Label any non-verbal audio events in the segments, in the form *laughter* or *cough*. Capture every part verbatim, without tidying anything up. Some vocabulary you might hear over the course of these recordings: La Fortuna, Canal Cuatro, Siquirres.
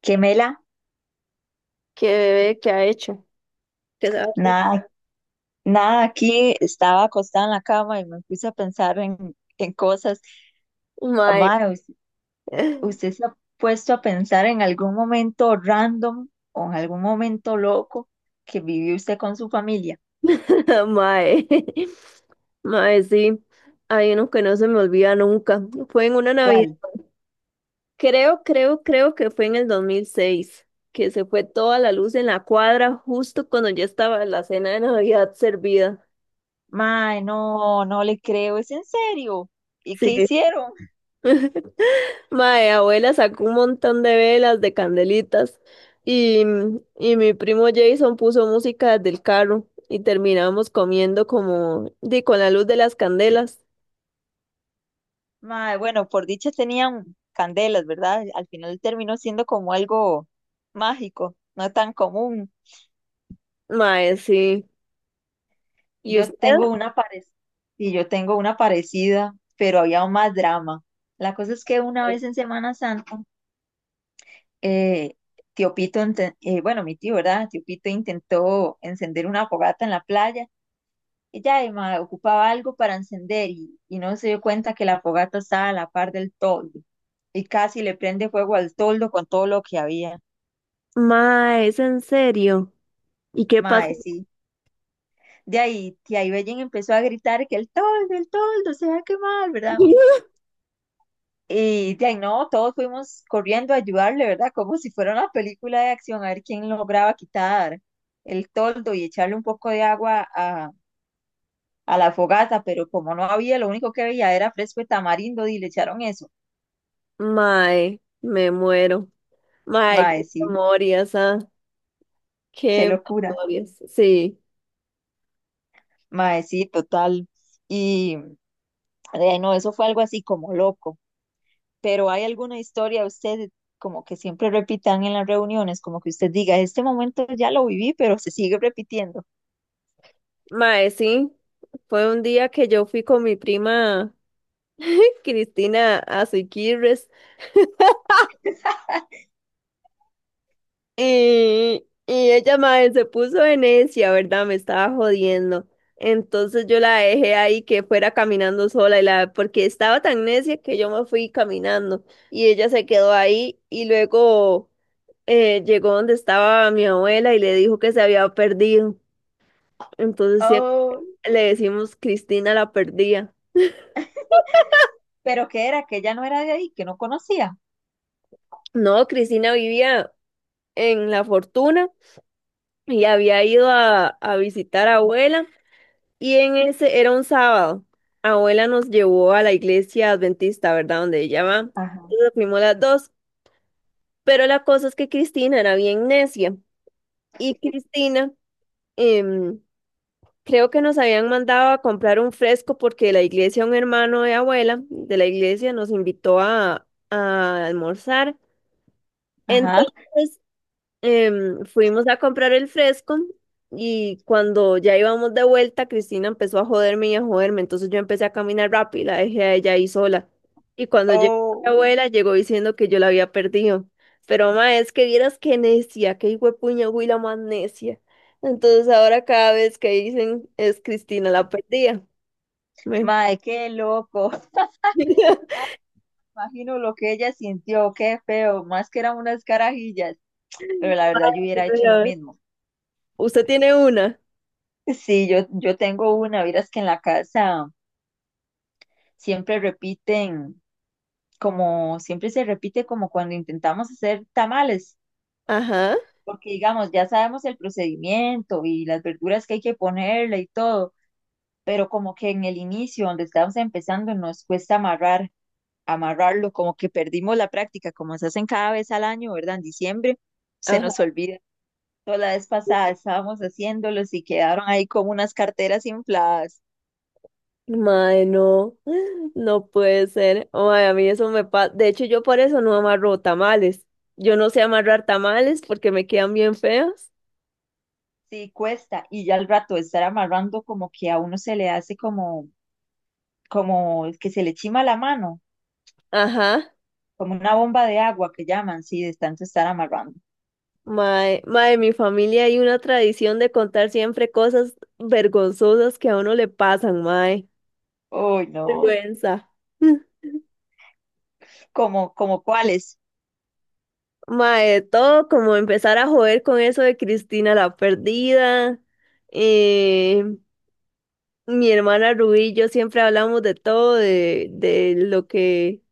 Qué mela, ¿Qué bebé que ha hecho? ¿Qué sabe? nada, nada aquí, estaba acostada en la cama y me puse a pensar en, en cosas. Mae. Mae, ¿us- *laughs* ¿usted se ha puesto a pensar en algún momento random o en algún momento loco que vivió usted con su familia? Mae. Mae, sí. Hay uno que no se me olvida nunca. Fue en una Navidad. ¿Cuál? Creo, creo, creo que fue en el dos mil seis, que se fue toda la luz en la cuadra justo cuando ya estaba la cena de Navidad servida. Mae, no, no le creo, es en serio. ¿Y qué Sí. hicieron? Mae, abuela sacó un montón de velas, de candelitas y, y mi primo Jason puso música del carro y terminamos comiendo como di con la luz de las candelas. Mae, bueno, por dicha tenían candelas, ¿verdad? Al final terminó siendo como algo mágico, no tan común. Mae, sí. ¿Y Yo usted? tengo una parecida, y yo tengo una parecida, pero había más drama. La cosa es que una vez en Semana Santa, eh, tío Pito, inte- eh, bueno, mi tío, ¿verdad? Tío Pito intentó encender una fogata en la playa. Ella además ocupaba algo para encender y, y no se dio cuenta que la fogata estaba a la par del toldo y casi le prende fuego al toldo con todo lo que había. Mae, ¿es en serio? ¿Y qué Mae, pasó? sí. De ahí, tía Ibellen empezó a gritar que el toldo, el toldo se va a quemar, ¿verdad? *laughs* Y de ahí no, todos fuimos corriendo a ayudarle, ¿verdad? Como si fuera una película de acción, a ver quién lograba quitar el toldo y echarle un poco de agua a, a la fogata, pero como no había, lo único que veía era fresco de tamarindo y le echaron eso. Mae, me muero. Mae, qué Mae, sí, memorias, ah, qué qué locura. memorias. Sí, Mae, sí, total. Y de ahí no, eso fue algo así como loco. Pero ¿hay alguna historia usted como que siempre repitan en las reuniones, como que usted diga, este momento ya lo viví, pero se sigue repitiendo? mae, sí. Fue un día que yo fui con mi prima *laughs* Cristina a Siquirres. Y, y ella mae, se puso de necia, ¿verdad? Me estaba jodiendo. Entonces yo la dejé ahí que fuera caminando sola y la, porque estaba tan necia que yo me fui caminando y ella se quedó ahí y luego eh, llegó donde estaba mi abuela y le dijo que se había perdido. Entonces sí, Ay, le decimos Cristina la perdía. pero que era que ella no era de ahí, que no conocía. No, Cristina vivía en La Fortuna y había ido a, a visitar a abuela. Y en ese era un sábado. Abuela nos llevó a la iglesia adventista, ¿verdad? Donde ella va. Ajá. Entonces fuimos las dos. Pero la cosa es que Cristina era bien necia. Y Cristina, em, creo que nos habían mandado a comprar un fresco porque la iglesia, un hermano de abuela de la iglesia, nos invitó a, a almorzar. Ajá. Entonces em, fuimos a comprar el fresco y cuando ya íbamos de vuelta, Cristina empezó a joderme y a joderme, entonces yo empecé a caminar rápido, y la dejé a ella ahí sola. Y cuando llegó mi Oh, abuela, llegó diciendo que yo la había perdido. Pero ma, es que vieras qué necia, qué hijuepuña güila más necia. Entonces ahora cada vez que dicen es Cristina la perdía. Me- mae, qué loco. *laughs* *laughs* Imagino lo que ella sintió, qué feo, más que eran unas carajillas, pero la verdad yo hubiera hecho lo Pero, mismo. ¿usted tiene una? Sí, yo, yo tengo una, verás que en la casa siempre repiten, como siempre se repite como cuando intentamos hacer tamales, Ajá, porque digamos, ya sabemos el procedimiento y las verduras que hay que ponerle y todo, pero como que en el inicio, donde estamos empezando, nos cuesta amarrar amarrarlo, como que perdimos la práctica, como se hacen cada vez al año, ¿verdad? En diciembre se ajá. nos olvida. Toda la vez pasada estábamos haciéndolos y quedaron ahí como unas carteras infladas. Mae, no, *laughs* no puede ser. Mae, a mí eso me pasa. De hecho, yo por eso no amarro tamales. Yo no sé amarrar tamales porque me quedan bien feos. Sí, cuesta. Y ya al rato de estar amarrando, como que a uno se le hace como, como que se le chima la mano, Ajá. como una bomba de agua que llaman, sí, de tanto estar amarrando. Mae, mae, en mi familia hay una tradición de contar siempre cosas vergonzosas que a uno le pasan, mae. Uy, no. Vergüenza. *laughs* Mm. Como, como cuáles. Mae, todo como empezar a joder con eso de Cristina la perdida. Eh, mi hermana Rubí y yo siempre hablamos de todo, de, de lo que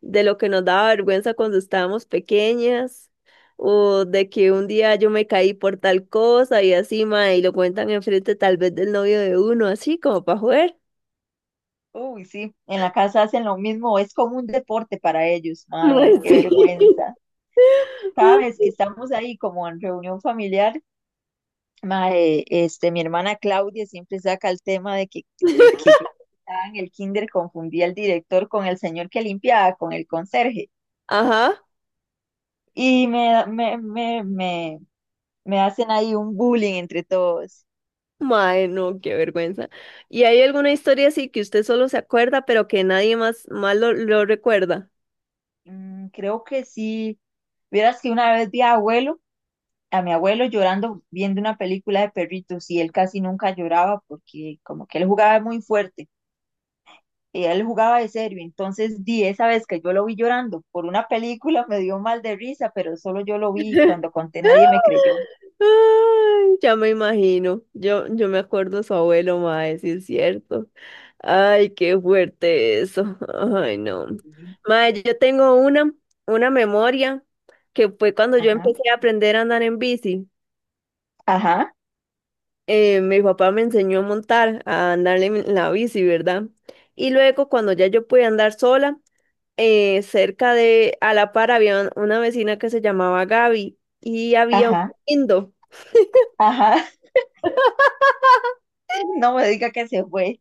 de lo que nos daba vergüenza cuando estábamos pequeñas, o de que un día yo me caí por tal cosa y así, mae, y lo cuentan enfrente tal vez del novio de uno, así como para joder. Uy, sí, en la casa hacen lo mismo, es como un deporte para ellos. Ay, Mae, qué sí. vergüenza. Sabes que estamos ahí como en reunión familiar, mae, este, mi hermana Claudia siempre saca el tema de que, de que *laughs* yo estaba en el kinder confundía al director con el señor que limpiaba, con el conserje. Ajá, Y me, me, me, me, me hacen ahí un bullying entre todos. mae, no, qué vergüenza. ¿Y hay alguna historia así que usted solo se acuerda, pero que nadie más, más, lo, lo recuerda? Mm, creo que sí. Vieras que una vez vi a abuelo, a mi abuelo llorando viendo una película de perritos y él casi nunca lloraba porque como que él jugaba muy fuerte. Y él jugaba de serio. Entonces, di esa vez que yo lo vi llorando por una película, *laughs* me dio mal de risa, pero solo yo lo vi y cuando *laughs* conté nadie me creyó. Ay, ya me imagino. Yo, yo me acuerdo de su abuelo, mae, sí es cierto. Ay, qué fuerte eso. *laughs* Ay, no. Y, Mae, yo tengo una, una memoria que fue cuando yo ajá, empecé a aprender a andar en bici. ajá, Eh, mi papá me enseñó a montar, a andar en en la bici, ¿verdad? Y luego cuando ya yo pude andar sola, eh, cerca de, a la par había una vecina que se llamaba Gaby y había un ajá, lindo. ajá. *laughs* No *laughs* me diga que se fue.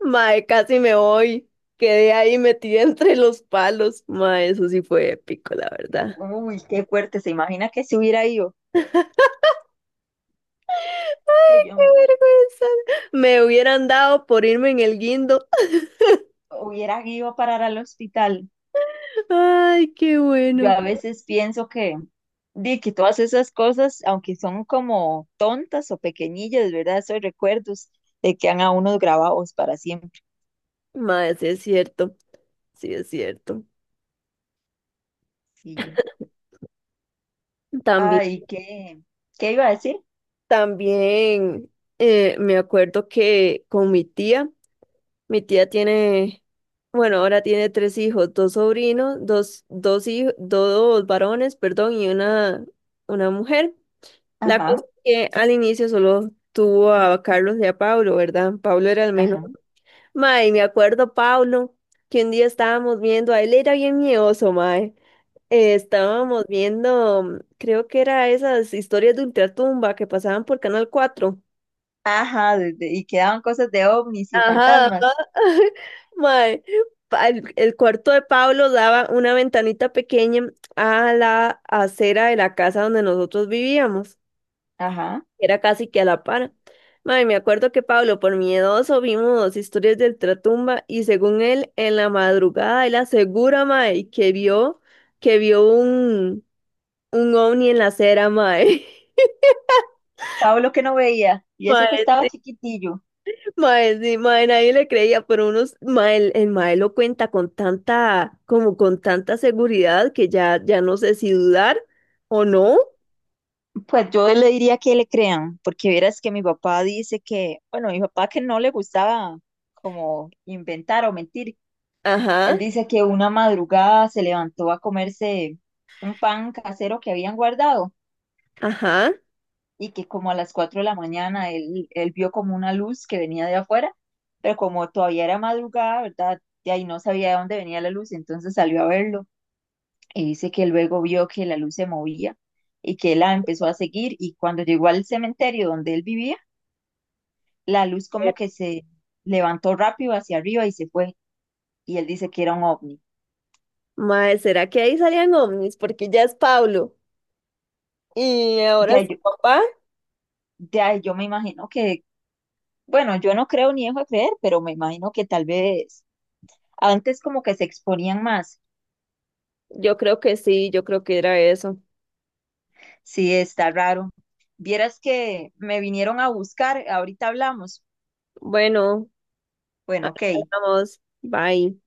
Mae, casi me voy. Quedé ahí metida *laughs* entre los palos. Mae, eso sí fue épico, la verdad. Uy, qué fuerte. ¿Se imagina que si hubiera ido? Que ¡Qué yo vergüenza! Me hubieran dado por irme en el guindo. hubiera ido a parar al hospital. *laughs* ¡Ay, qué Yo bueno! a veces pienso que, di que todas esas cosas, aunque son como tontas o pequeñillas, ¿verdad? Esos recuerdos de que han a unos grabados para siempre. Mae, sí es cierto, sí es cierto. Sí. También, Ay, ¿qué? ¿Qué iba a decir? también eh, me acuerdo que con mi tía, mi tía tiene, bueno, ahora tiene tres hijos, dos sobrinos, dos, dos hijos, dos varones, perdón, y una, una mujer. La cosa Ajá, es que al inicio solo tuvo a Carlos y a Pablo, ¿verdad? Pablo era el menor. ajá, Mae, me acuerdo, Paulo, que un día estábamos viendo, a él era bien miedoso, mae. Eh, estábamos viendo, mm, creo que era esas historias de ultratumba que pasaban por Canal Cuatro. Ajá, de- de- y quedaban cosas de ovnis y Ajá, ajá. fantasmas. *laughs* Mae, pa- el, el cuarto de Pablo daba una ventanita pequeña a la acera de la casa donde nosotros vivíamos. Ajá. Era casi que a la par. Mae, me acuerdo que Pablo, por miedoso, vimos historias del Tratumba y según él, en la madrugada, él asegura, mae, que vio, que vio un, un ovni en la acera, mae. Pablo que no veía, *laughs* y eso que Mae, estaba chiquitillo. mae, sí, mae, nadie le creía, pero unos, mae, el, el mae lo cuenta con tanta, como con tanta seguridad que ya, ya no sé si dudar o no. Pues yo le diría que le crean, porque verás que mi papá dice que, bueno, mi papá que no le gustaba como inventar o mentir. Ajá, Él dice que una madrugada se levantó a comerse un pan casero que habían guardado, ajá. y que como a las cuatro de la mañana él, él vio como una luz que venía de afuera, pero como todavía era madrugada, ¿verdad? De ahí no sabía de dónde venía la luz, entonces salió a verlo y dice que luego vio que la luz se movía y que él la empezó a seguir y cuando llegó al cementerio donde él vivía, la luz como que se levantó rápido hacia arriba y se fue, y él dice que era un ovni. Mae, ¿será que ahí salían ovnis? Porque ya es Pablo. Y De ahora su ahí yo, papá, de ahí yo me imagino que, bueno, yo no creo ni dejo de creer, pero me imagino que tal vez antes como que se exponían más. yo creo que sí, yo creo que era eso. Sí, está raro. Vieras que me vinieron a buscar, ahorita hablamos. Bueno, Bueno, ok. vamos, bye.